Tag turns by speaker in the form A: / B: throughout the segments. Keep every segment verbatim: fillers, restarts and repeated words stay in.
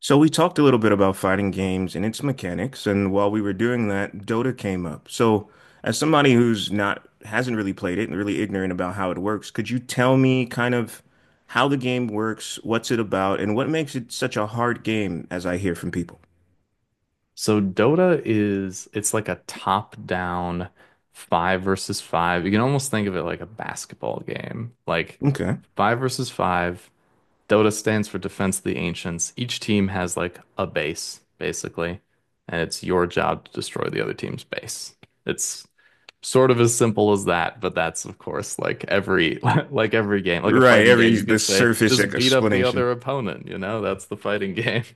A: So we talked a little bit about fighting games and its mechanics, and while we were doing that, Dota came up. So as somebody who's not hasn't really played it and really ignorant about how it works, could you tell me kind of how the game works, what's it about, and what makes it such a hard game as I hear from people?
B: So Dota is it's like a top-down five versus five. You can almost think of it like a basketball game. Like
A: Okay.
B: five versus five. Dota stands for Defense of the Ancients. Each team has like a base, basically, and it's your job to destroy the other team's base. It's sort of as simple as that, but that's of course like every like every game, like a
A: Right,
B: fighting game,
A: every
B: you could
A: the
B: say
A: surface e-,
B: just beat up the other
A: explanation.
B: opponent, you know? That's the fighting game.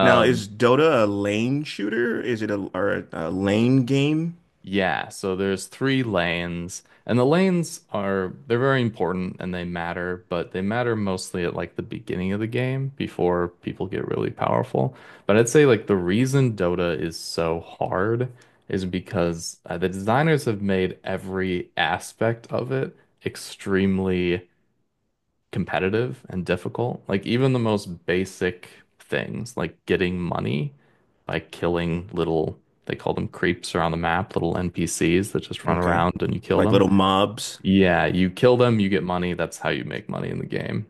A: Now, is Dota a lane shooter? Is it a or a, a lane game?
B: Yeah, so there's three lanes, and the lanes are they're very important and they matter, but they matter mostly at like the beginning of the game before people get really powerful. But I'd say like the reason Dota is so hard is because uh, the designers have made every aspect of it extremely competitive and difficult. Like even the most basic things, like getting money by killing little, they call them creeps around the map, little N P Cs that just run
A: Okay.
B: around and you kill
A: Like
B: them.
A: little mobs.
B: Yeah, you kill them, you get money. That's how you make money in the game.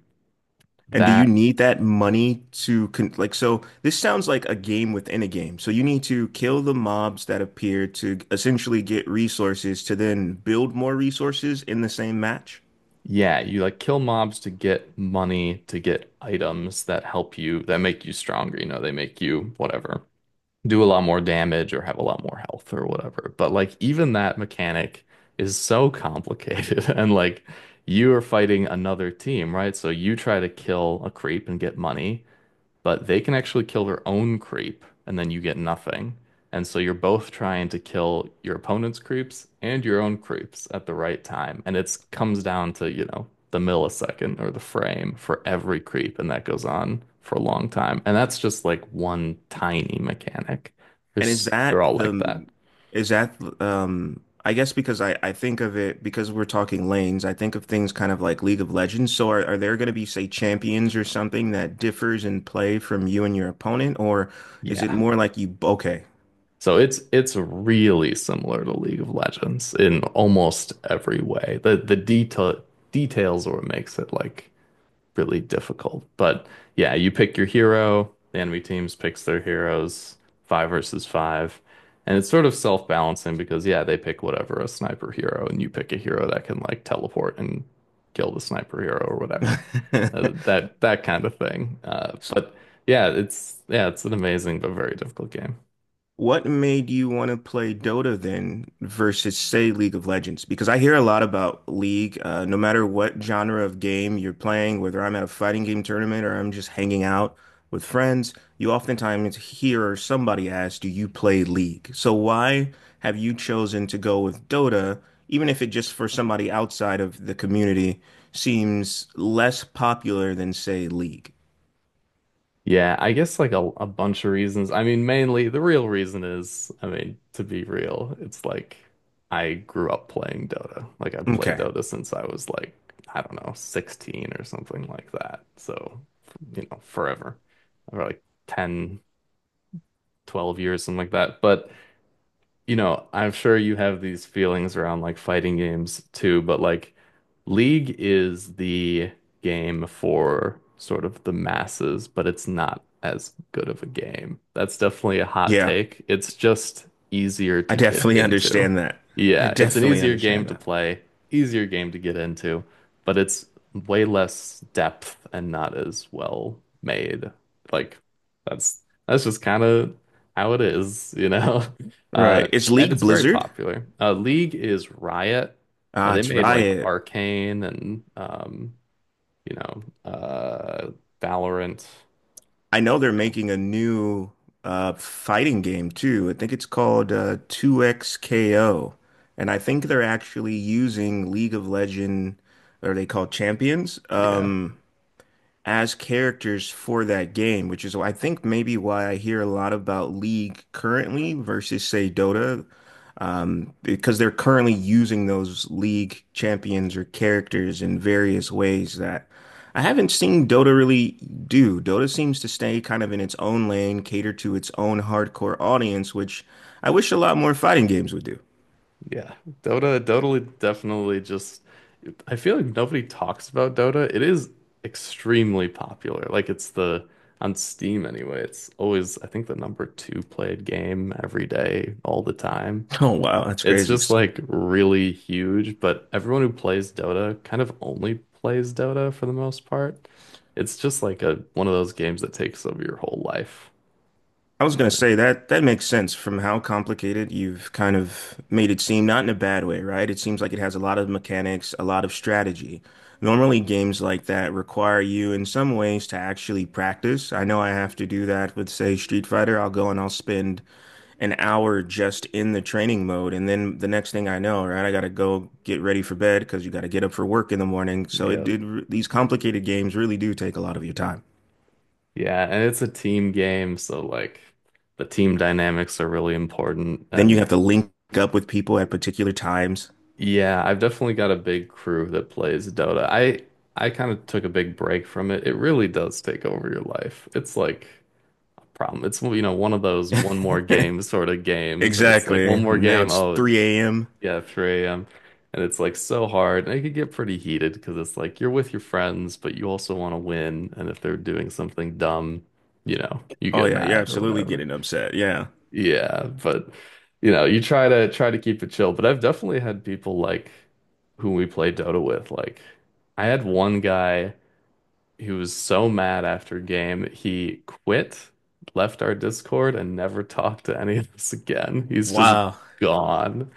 A: And do you
B: That,
A: need that money to con like so this sounds like a game within a game. So you need to kill the mobs that appear to essentially get resources to then build more resources in the same match.
B: yeah, you like kill mobs to get money, to get items that help you, that make you stronger, you know, they make you whatever. Do a lot more damage or have a lot more health or whatever. But like even that mechanic is so complicated and like you are fighting another team, right? So you try to kill a creep and get money, but they can actually kill their own creep and then you get nothing. And so you're both trying to kill your opponent's creeps and your own creeps at the right time. And it's comes down to, you know, the millisecond or the frame for every creep, and that goes on for a long time. And that's just like one tiny mechanic.
A: And is
B: There's, they're
A: that
B: all like that.
A: the is that um I guess because I I think of it because we're talking lanes, I think of things kind of like League of Legends. So are, are there going to be say champions or something that differs in play from you and your opponent, or is it
B: Yeah.
A: more like you okay.
B: So it's it's really similar to League of Legends in almost every way. The the detail details are what makes it like really difficult. But yeah, you pick your hero, the enemy teams picks their heroes, five versus five. And it's sort of self-balancing because yeah, they pick whatever a sniper hero and you pick a hero that can like teleport and kill the sniper hero or whatever. Uh, that that kind of thing. Uh, but yeah, it's yeah, it's an amazing but very difficult game.
A: What made you want to play Dota then versus, say, League of Legends? Because I hear a lot about League, uh, no matter what genre of game you're playing, whether I'm at a fighting game tournament or I'm just hanging out with friends, you oftentimes hear somebody ask, do you play League? So why have you chosen to go with Dota, even if it just for somebody outside of the community seems less popular than, say, League?
B: Yeah, I guess like a, a bunch of reasons. I mean, mainly the real reason is, I mean, to be real, it's like I grew up playing Dota. Like I've played
A: Okay.
B: Dota since I was like, I don't know, sixteen or something like that. So, you know, forever. For like ten, twelve years, something like that. But you know, I'm sure you have these feelings around like fighting games too, but like League is the game for sort of the masses, but it's not as good of a game. That's definitely a hot
A: Yeah,
B: take. It's just easier
A: I
B: to get
A: definitely
B: into.
A: understand that. I
B: Yeah, it's an
A: definitely
B: easier game
A: understand
B: to
A: that.
B: play, easier game to get into, but it's way less depth and not as well made. Like that's that's just kind of how it is, you know? Uh,
A: Right. It's
B: and
A: League
B: it's very
A: Blizzard.
B: popular. Uh, League is Riot. Uh,
A: Ah,
B: they
A: it's
B: made like
A: Riot.
B: Arcane and um, you know, uh, Valorant.
A: I know they're
B: Yeah,
A: making a new uh, fighting game too. I think it's called uh, 2XKO. And I think they're actually using League of Legend, or they call champions,
B: yeah.
A: um, as characters for that game, which is I think maybe why I hear a lot about League currently versus say Dota, um, because they're currently using those league champions or characters in various ways that I haven't seen Dota really do. Dota seems to stay kind of in its own lane, cater to its own hardcore audience, which I wish a lot more fighting games would do.
B: Yeah. Dota, Dota definitely just I feel like nobody talks about Dota. It is extremely popular. Like it's the on Steam anyway, it's always I think the number two played game every day, all the time.
A: Oh, wow, that's
B: It's
A: crazy.
B: just like really huge, but everyone who plays Dota kind of only plays Dota for the most part. It's just like a one of those games that takes over your whole life.
A: I was going to
B: Yeah.
A: say that that makes sense from how complicated you've kind of made it seem, not in a bad way, right? It seems like it has a lot of mechanics, a lot of strategy. Normally, games like that require you in some ways to actually practice. I know I have to do that with, say, Street Fighter. I'll go and I'll spend an hour just in the training mode. And then the next thing I know, right, I got to go get ready for bed because you got to get up for work in the morning. So it
B: Yep.
A: did, these complicated games really do take a lot of your time.
B: Yeah, and it's a team game, so like the team dynamics are really important.
A: Then you have
B: And
A: to link up with people at particular times.
B: yeah, I've definitely got a big crew that plays Dota. I I kind of took a big break from it. It really does take over your life. It's like a problem. It's you know one of those one more game sort of games, and it's like
A: Exactly.
B: one more
A: Now
B: game.
A: it's
B: Oh,
A: three a m.
B: yeah, three a m. And it's like so hard. And it could get pretty heated because it's like you're with your friends, but you also want to win. And if they're doing something dumb, you know, you
A: Oh
B: get
A: yeah, you're
B: mad or
A: absolutely
B: whatever.
A: getting upset. Yeah.
B: Yeah, but you know, you try to try to keep it chill. But I've definitely had people like who we play Dota with. Like I had one guy who was so mad after a game, he quit, left our Discord, and never talked to any of us again. He's just
A: Wow.
B: gone.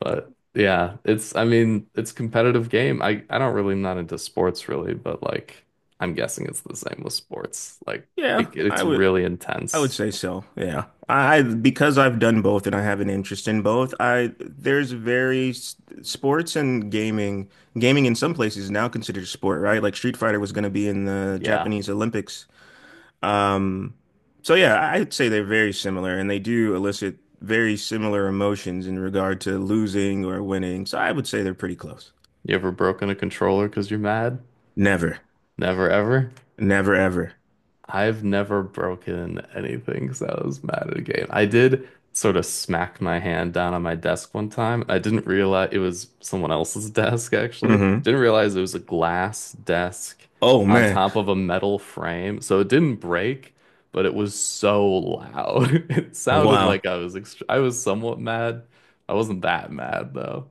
B: But yeah, it's I mean, it's a competitive game. I I don't really I'm not into sports really, but like I'm guessing it's the same with sports. Like
A: Yeah,
B: it, it's
A: I would
B: really
A: I would
B: intense.
A: say so. Yeah. I I- because I've done both and I have an interest in both, I there's very s- sports and gaming. Gaming in some places is now considered a sport, right? Like Street Fighter was going to be in the
B: Yeah.
A: Japanese Olympics. Um so yeah, I- I'd say they're very similar and they do elicit very similar emotions in regard to losing or winning. So I would say they're pretty close.
B: You ever broken a controller because you're mad?
A: Never.
B: Never ever.
A: Never ever.
B: I've never broken anything because I was mad at a game. I did sort of smack my hand down on my desk one time. I didn't realize it was someone else's desk, actually.
A: hmm
B: Didn't realize it was a glass desk
A: Oh
B: on
A: man.
B: top of a metal frame. So it didn't break, but it was so loud. It sounded
A: Wow.
B: like I was ext I was somewhat mad. I wasn't that mad though,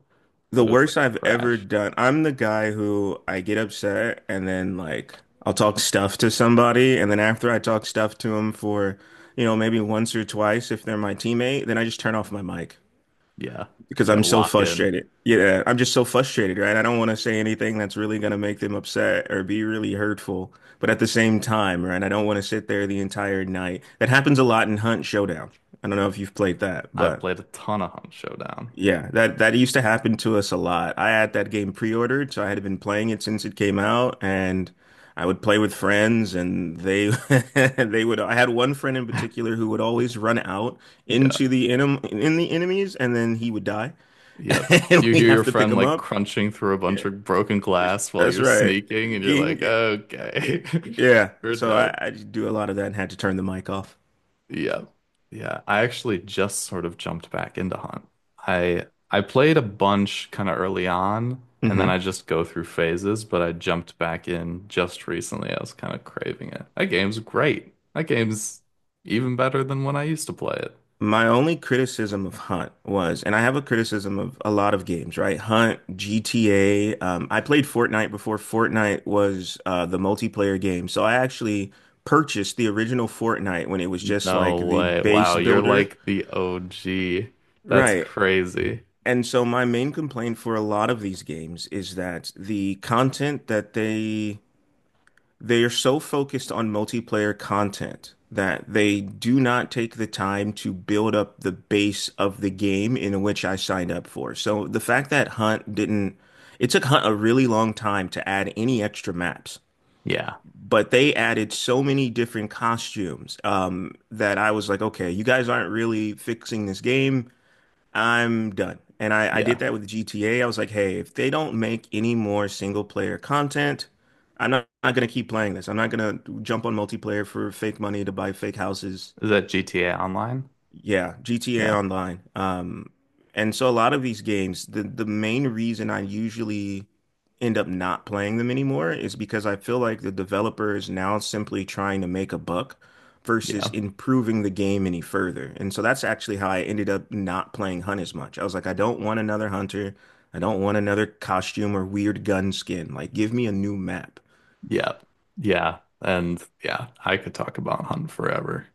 A: The
B: but it was
A: worst
B: like a
A: I've ever
B: crash.
A: done. I'm the guy who I get upset and then like I'll talk stuff to somebody and then after I talk stuff to them for, you know, maybe once or twice if they're my teammate, then I just turn off my mic,
B: Yeah, you
A: because I'm
B: gotta
A: so
B: lock in.
A: frustrated. Yeah, I'm just so frustrated, right? I don't want to say anything that's really going to make them upset or be really hurtful. But at the same time, right, I don't want to sit there the entire night. That happens a lot in Hunt Showdown. I don't know if you've played that,
B: I've
A: but
B: played a ton of Hunt Showdown.
A: yeah, that that used to happen to us a lot. I had that game pre-ordered, so I had been playing it since it came out, and I would play with friends, and they they would. I had one friend in particular who would always run out
B: Yeah.
A: into the enem in the enemies, and then he would die.
B: Yep.
A: And
B: You
A: we
B: hear your
A: have to pick
B: friend
A: them
B: like
A: up.
B: crunching through a bunch
A: Yeah,
B: of broken glass while
A: that's
B: you're
A: right.
B: sneaking, and you're
A: Ging-
B: like, okay,
A: Yeah.
B: we're
A: So I,
B: dead.
A: I just do a lot of that and had to turn the mic off.
B: Yeah. Yeah. I actually just sort of jumped back into Hunt. I I played a bunch kind of early on, and then I
A: hmm
B: just go through phases, but I jumped back in just recently. I was kind of craving it. That game's great. That game's even better than when I used to play it.
A: My only criticism of Hunt was, and I have a criticism of a lot of games, right? Hunt, G T A. Um, I played Fortnite before Fortnite was uh, the multiplayer game. So I actually purchased the original Fortnite when it was just like
B: No
A: the
B: way. Wow,
A: base
B: you're
A: builder.
B: like the O G. That's
A: Right.
B: crazy.
A: And so my main complaint for a lot of these games is that the content that they They are so focused on multiplayer content that they do not take the time to build up the base of the game in which I signed up for. So the fact that Hunt didn't, it took Hunt a really long time to add any extra maps,
B: Yeah,
A: but they added so many different costumes um, that I was like, okay, you guys aren't really fixing this game. I'm done. And I, I did
B: yeah.
A: that with G T A. I was like, hey, if they don't make any more single player content, I'm not, not gonna keep playing this. I'm not gonna jump on multiplayer for fake money to buy fake houses
B: Is that G T A Online?
A: yeah, G T A
B: Yeah.
A: Online. Um, and so a lot of these games, the the main reason I usually end up not playing them anymore is because I feel like the developer is now simply trying to make a buck versus
B: Yeah.
A: improving the game any further. And so that's actually how I ended up not playing Hunt as much. I was like, I don't want another hunter. I don't want another costume or weird gun skin. Like, give me a new map.
B: Yeah. Yeah. And yeah, I could talk about Hunt forever.